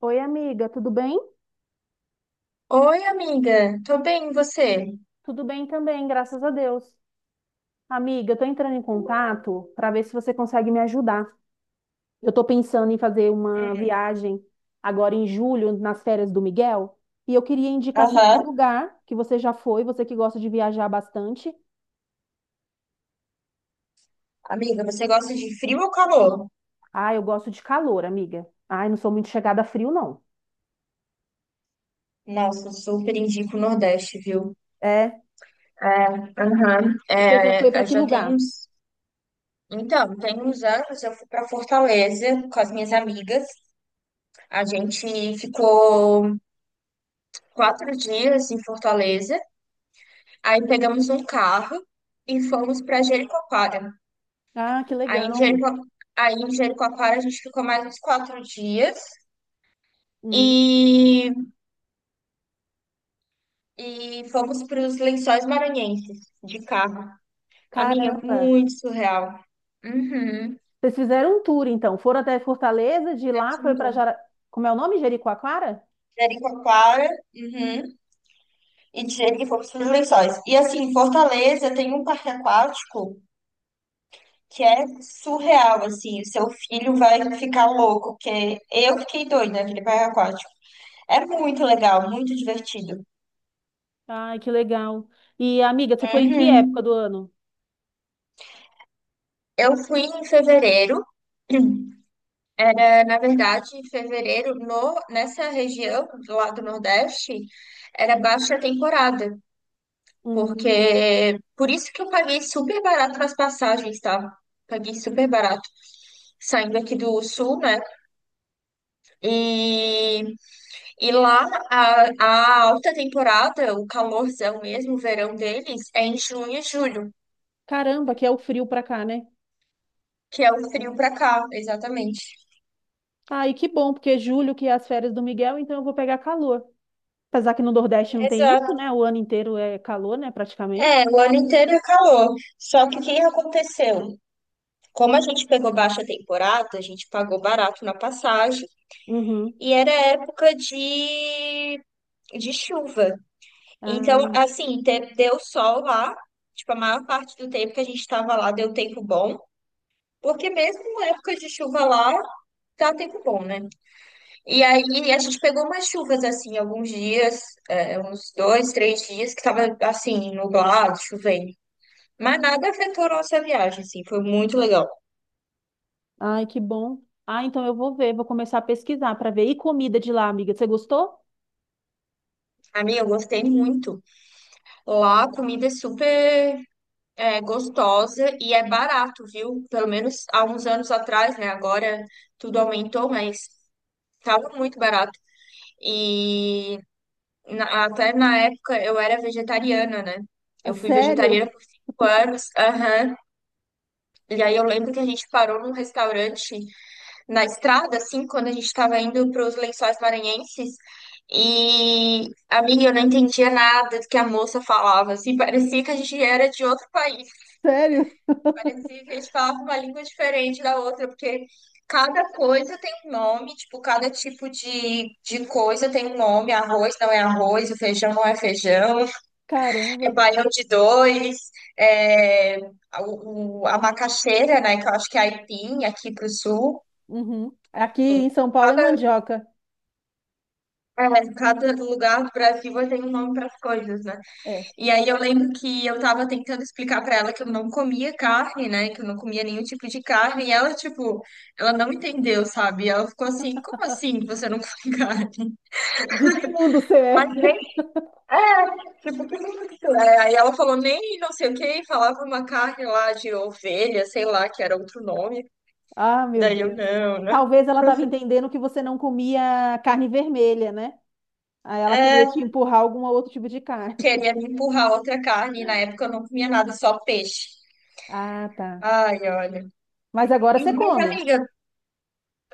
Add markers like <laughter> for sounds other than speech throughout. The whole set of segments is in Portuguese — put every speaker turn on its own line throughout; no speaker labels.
Oi, amiga, tudo bem?
Oi, amiga. Tô bem, e você?
Tudo bem também, graças a Deus. Amiga, eu tô entrando em contato para ver se você consegue me ajudar. Eu tô pensando em fazer uma viagem agora em julho, nas férias do Miguel, e eu queria indicação de
Aham.
lugar que você já foi, você que gosta de viajar bastante.
Amiga, você gosta de frio ou calor?
Ah, eu gosto de calor, amiga. Ai, não sou muito chegada a frio, não.
Nossa, eu super indico o Nordeste, viu?
É?
É, aham.
E você já foi
É,
para
é,
que
já tem
lugar?
uns. Então, tem uns anos eu fui pra Fortaleza com as minhas amigas. A gente ficou 4 dias em Fortaleza. Aí pegamos um carro e fomos pra Jericoacoara.
Ah, que
Aí em
legal.
Jerico... Aí em Jericoacoara a gente ficou mais uns 4 dias.
Hum,
E e fomos para os Lençóis Maranhenses de carro. Amiga,
Caramba.
muito surreal. Uhum.
Vocês fizeram um tour, então. Foram até Fortaleza, de lá
Fizemos
foi
um
para
tour.
Jara... Como é o nome? Jericoacoara?
Jericoacoara, uhum. E de Jerico fomos para os Lençóis. E assim, Fortaleza tem um parque aquático que é surreal, assim. O seu filho vai ficar louco, porque eu fiquei doida naquele parque aquático. É muito legal, muito divertido.
Ai, que legal. E, amiga, você foi em que época
Uhum.
do ano?
Eu fui em fevereiro. É, na verdade, em fevereiro, no, nessa região lá do Nordeste, era baixa temporada,
Hum,
porque por isso que eu paguei super barato nas passagens, tá? Paguei super barato saindo aqui do Sul, né? E, e lá a alta temporada, o calorzão mesmo, o verão deles, é em junho e julho.
Caramba, que é o frio pra cá, né?
Que é o frio pra cá, exatamente.
Ai, que bom, porque julho que é as férias do Miguel, então eu vou pegar calor. Apesar que no Nordeste não tem isso,
Exato.
né? O ano inteiro é calor, né?
É,
Praticamente.
o ano inteiro é calor. Só que o que aconteceu? Como a gente pegou baixa temporada, a gente pagou barato na passagem
Uhum.
e era época de chuva. Então,
Ah,
assim, deu sol lá, tipo, a maior parte do tempo que a gente estava lá deu tempo bom, porque mesmo na época de chuva lá, dá tempo bom, né? E aí a gente pegou umas chuvas, assim, alguns dias, é, uns dois, três dias, que tava, assim, nublado, chovendo. Mas nada afetou nossa viagem, assim, foi muito legal.
ai, que bom. Ah, então eu vou ver, vou começar a pesquisar para ver. E comida de lá, amiga, você gostou?
A minha eu gostei muito. Lá a comida é super gostosa e é barato, viu? Pelo menos há uns anos atrás, né? Agora tudo aumentou, mas estava muito barato. E até na época eu era vegetariana, né?
Ah,
Eu fui
sério?
vegetariana por 5 anos. Aham. E aí eu lembro que a gente parou num restaurante na estrada, assim, quando a gente estava indo para os Lençóis Maranhenses. E, amiga, eu não entendia nada do que a moça falava, assim, parecia que a gente era de outro país.
Sério?
Recife, a gente falava uma língua diferente da outra, porque cada coisa tem um nome, tipo, cada tipo de coisa tem um nome. Arroz não é arroz, o feijão não é feijão, é
Caramba.
baião de dois, é, a macaxeira, né, que eu acho que é aipim aqui pro sul.
Uhum. Aqui
Enfim,
em São Paulo é
Cada,
mandioca.
cada lugar do Brasil tem um nome para as coisas, né?
É.
E aí eu lembro que eu tava tentando explicar pra ela que eu não comia carne, né? Que eu não comia nenhum tipo de carne. E ela, tipo, ela não entendeu, sabe? Ela ficou assim, como assim que você não come <laughs> carne?
De que mundo você é?
Mas nem, tipo, que isso é? Aí ela falou nem não sei o quê, falava uma carne lá de ovelha, sei lá, que era outro nome.
Ah, meu
Daí eu,
Deus.
não, né?
Talvez ela estava entendendo que você não comia carne vermelha, né? Aí ela
É,
queria te empurrar algum outro tipo de carne.
queria me empurrar outra carne. E na época eu não comia nada, só peixe.
Ah, tá.
Ai, olha.
Mas agora
E-
você
mas,
come.
amiga,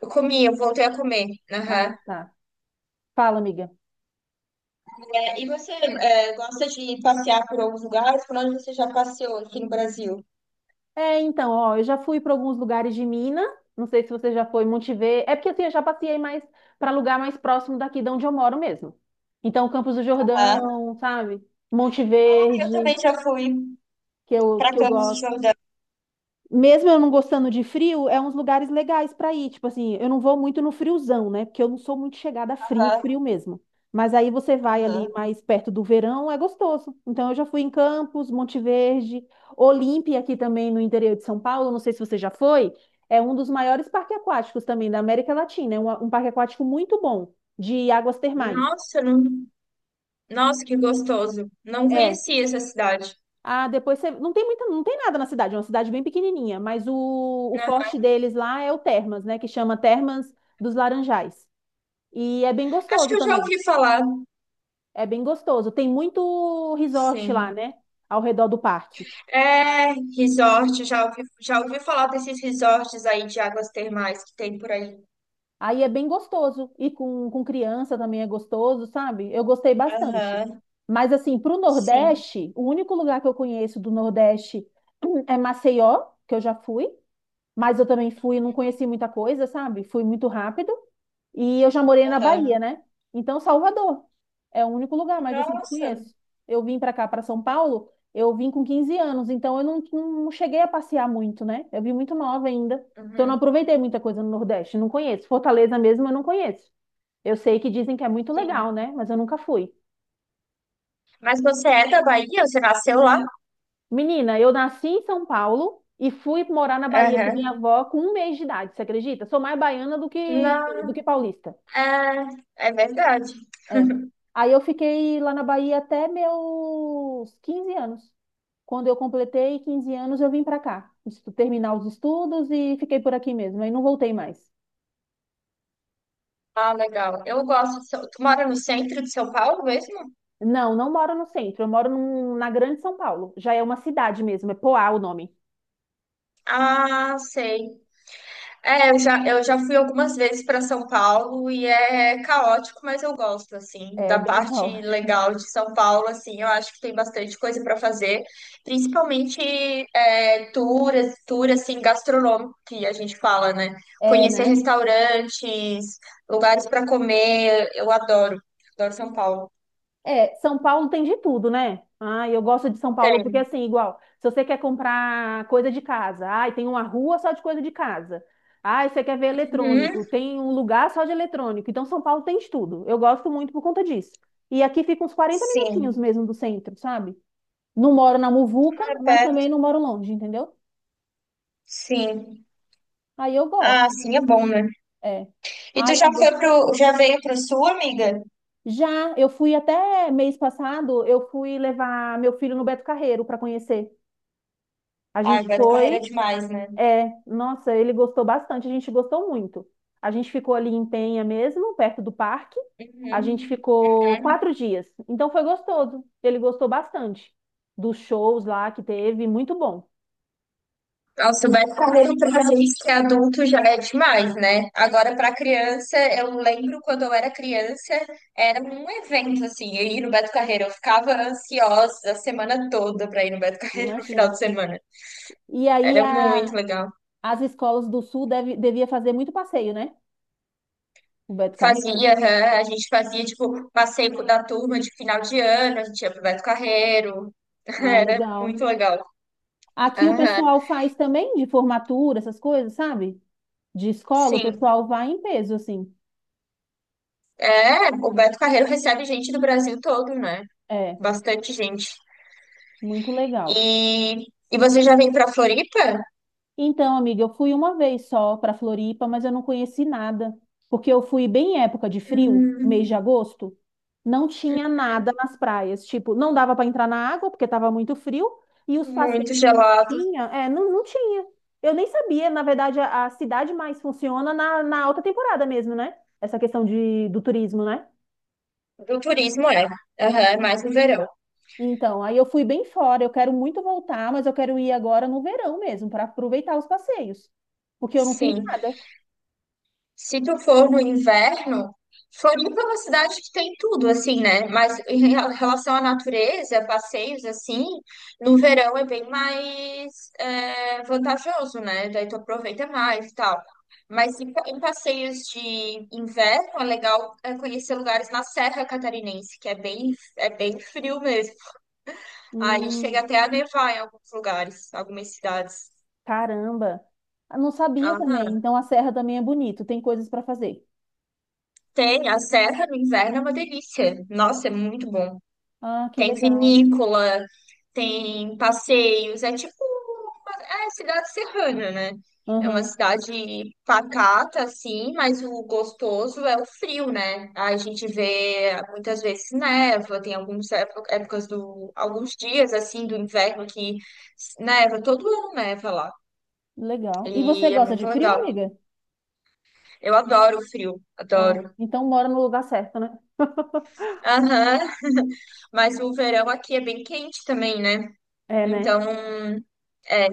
eu comi, eu voltei a comer.
Ah,
Aham.
tá. Fala, amiga.
É, e você é, gosta de passear por alguns lugares? Por onde você já passeou aqui no Brasil?
É, então, ó, eu já fui para alguns lugares de Minas. Não sei se você já foi em Monte Verde. É porque assim, eu já passei mais para lugar mais próximo daqui de onde eu moro mesmo. Então, Campos do
Aham.
Jordão, sabe? Monte
Ah, eu
Verde,
também já fui
que eu,
para
que eu
Campos do
gosto.
Jordão.
Mesmo eu não gostando de frio, é uns lugares legais para ir. Tipo assim, eu não vou muito no friozão, né? Porque eu não sou muito chegada a frio,
Aham.
frio mesmo. Mas aí você vai ali
Aham.
mais perto do verão, é gostoso. Então eu já fui em Campos, Monte Verde, Olímpia aqui também no interior de São Paulo, não sei se você já foi, é um dos maiores parques aquáticos também da América Latina, é um parque aquático muito bom, de águas termais.
Nossa, não... Nossa, que gostoso. Não
É,
conhecia essa cidade.
ah, depois você... Não tem muita, não tem nada na cidade, é uma cidade bem pequenininha, mas o
Aham.
forte deles lá é o Termas, né? Que chama Termas dos Laranjais. E é bem
Acho que
gostoso
eu já
também.
ouvi falar.
É bem gostoso. Tem muito resort lá,
Sim.
né? Ao redor do parque.
É, resort, já ouvi falar desses resorts aí de águas termais que tem por aí.
Aí é bem gostoso. E com criança também é gostoso, sabe? Eu gostei bastante.
Aham.
Mas assim, pro
Sim.
Nordeste, o único lugar que eu conheço do Nordeste <clears throat> é Maceió, que eu já fui. Mas eu também fui, não conheci muita coisa, sabe? Fui muito rápido. E eu já morei na Bahia,
Aham.
né? Então, Salvador é o único lugar mais assim que eu
Nossa.
conheço. Eu vim para cá, para São Paulo, eu vim com 15 anos, então eu não, não cheguei a passear muito, né? Eu vim muito nova ainda. Então, eu não
Uhum,
aproveitei muita coisa no Nordeste, não conheço. Fortaleza mesmo, eu não conheço. Eu sei que dizem que é muito
sim.
legal, né? Mas eu nunca fui.
Mas você é da Bahia? Você nasceu lá?
Menina, eu nasci em São Paulo e fui morar na Bahia com minha
Aham.
avó com um mês de idade, você acredita? Sou mais baiana do que, do
Não,
que paulista.
é, é verdade.
É. Aí eu fiquei lá na Bahia até meus 15 anos. Quando eu completei 15 anos, eu vim para cá, terminar os estudos e fiquei por aqui mesmo. Aí não voltei mais.
Ah, legal. Eu gosto. De São- tu mora no centro de São Paulo mesmo?
Não, não moro no centro, eu moro na Grande São Paulo. Já é uma cidade mesmo, é Poá o nome.
Ah, sei. É, eu já fui algumas vezes para São Paulo e é caótico, mas eu gosto, assim,
É
da
bem <laughs>
parte
longe.
legal de São Paulo, assim, eu acho que tem bastante coisa para fazer, principalmente é, tour, assim, gastronômico, que a gente fala, né?
É,
Conhecer
né?
restaurantes, lugares para comer, eu adoro, adoro São Paulo.
É, São Paulo tem de tudo, né? Ah, eu gosto de São Paulo porque,
Tem.
assim, igual, se você quer comprar coisa de casa, ai, tem uma rua só de coisa de casa. Ai, você quer ver
Uhum.
eletrônico, tem um lugar só de eletrônico. Então, São Paulo tem de tudo. Eu gosto muito por conta disso. E aqui fica uns 40 minutinhos
Sim.
mesmo do centro, sabe? Não moro na Muvuca,
Ah,
mas
tá.
também não moro longe, entendeu?
Sim.
Aí eu
Ah,
gosto,
sim, é bom, né?
é.
E tu
Aí
já
eu
foi
go-
pro, já veio pro Sul, amiga?
Já, eu fui até mês passado, eu fui levar meu filho no Beto Carreiro para conhecer. A
Ah,
gente
Beto Carreira é
foi.
demais, né?
É, nossa, ele gostou bastante, a gente gostou muito. A gente ficou ali em Penha mesmo, perto do parque. A gente
Uhum.
ficou
Uhum.
4 dias. Então foi gostoso. Ele gostou bastante dos shows lá que teve, muito bom.
Nossa, o Beto Carreira pra gente que é adulto já é demais, né? Agora pra criança, eu lembro quando eu era criança, era um evento assim, eu ir no Beto Carreira, eu ficava ansiosa a semana toda pra ir no Beto Carreira no final
Imagino.
de semana.
E aí
Era muito
a-
legal.
As escolas do Sul deve, devia fazer muito passeio, né? O Beto Carreiro.
Fazia, aham. A gente fazia, tipo, passeio da turma de final de ano, a gente ia pro Beto Carreiro. <laughs>
Ah,
Era
legal.
muito legal.
Aqui o
Aham,
pessoal faz também de formatura, essas coisas, sabe? De escola, o
sim.
pessoal vai em peso, assim.
É, o Beto Carreiro recebe gente do Brasil todo, né?
É,
Bastante gente.
muito
E,
legal.
e você já vem pra Floripa?
Então, amiga, eu fui uma vez só para Floripa, mas eu não conheci nada, porque eu fui bem em época de frio, mês de
Hum,
agosto, não tinha nada nas praias, tipo, não dava para entrar na água porque estava muito frio e os passeios
muito
que
gelado.
tinha, é, não, não tinha. Eu nem sabia, na verdade, a cidade mais funciona na alta temporada mesmo, né? Essa questão de, do turismo, né?
Do turismo, é. Aham, é mais no verão.
Então, aí eu fui bem fora. Eu quero muito voltar, mas eu quero ir agora no verão mesmo, para aproveitar os passeios, porque eu não fiz
Sim.
nada.
Se tu for no inverno, Floripa é uma cidade que tem tudo, assim, né? Mas em relação à natureza, passeios, assim, no verão é bem mais vantajoso, né? Daí tu aproveita mais e tal. Mas em passeios de inverno, é legal conhecer lugares na Serra Catarinense, que é bem frio mesmo. Aí chega
Hum.
até a nevar em alguns lugares, algumas cidades.
Caramba! Ah, não sabia também.
Aham.
Então a serra também é bonito, tem coisas para fazer.
Tem, a serra no inverno é uma delícia. Nossa, é muito bom.
Ah, que
Tem
legal.
vinícola, tem passeios, é tipo uma, é cidade serrana, né? É uma
Aham,
cidade pacata, assim, mas o gostoso é o frio, né? A gente vê muitas vezes neva, tem algumas épocas alguns dias, assim, do inverno que neva, todo ano neva lá.
legal.
E
E você
é
gosta
muito
de frio,
legal.
amiga?
Eu adoro o frio,
Ah,
adoro.
então mora no lugar certo, né? <laughs>
Aham, mas o verão aqui é bem quente também, né?
É,
Então
né?
É,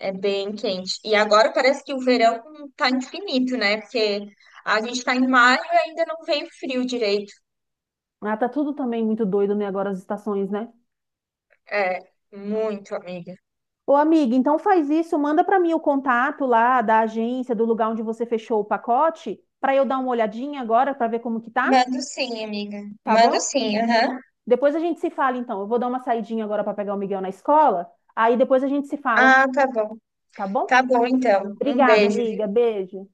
é bem quente. E agora parece que o verão tá infinito, né? Porque a gente tá em maio e ainda não veio frio direito.
Ah, tá tudo também muito doido, né? Agora as estações, né?
É, muito, amiga.
Ô, amiga, então faz isso, manda para mim o contato lá da agência, do lugar onde você fechou o pacote, para eu dar uma olhadinha agora para ver como que tá,
Mando sim, amiga.
tá
Mando
bom?
sim, aham.
Depois a gente se fala então. Eu vou dar uma saidinha agora para pegar o Miguel na escola, aí depois a gente se fala,
Ah, tá bom.
tá
Tá
bom?
bom, então. Um
Obrigada,
beijo,
amiga.
viu?
Beijo.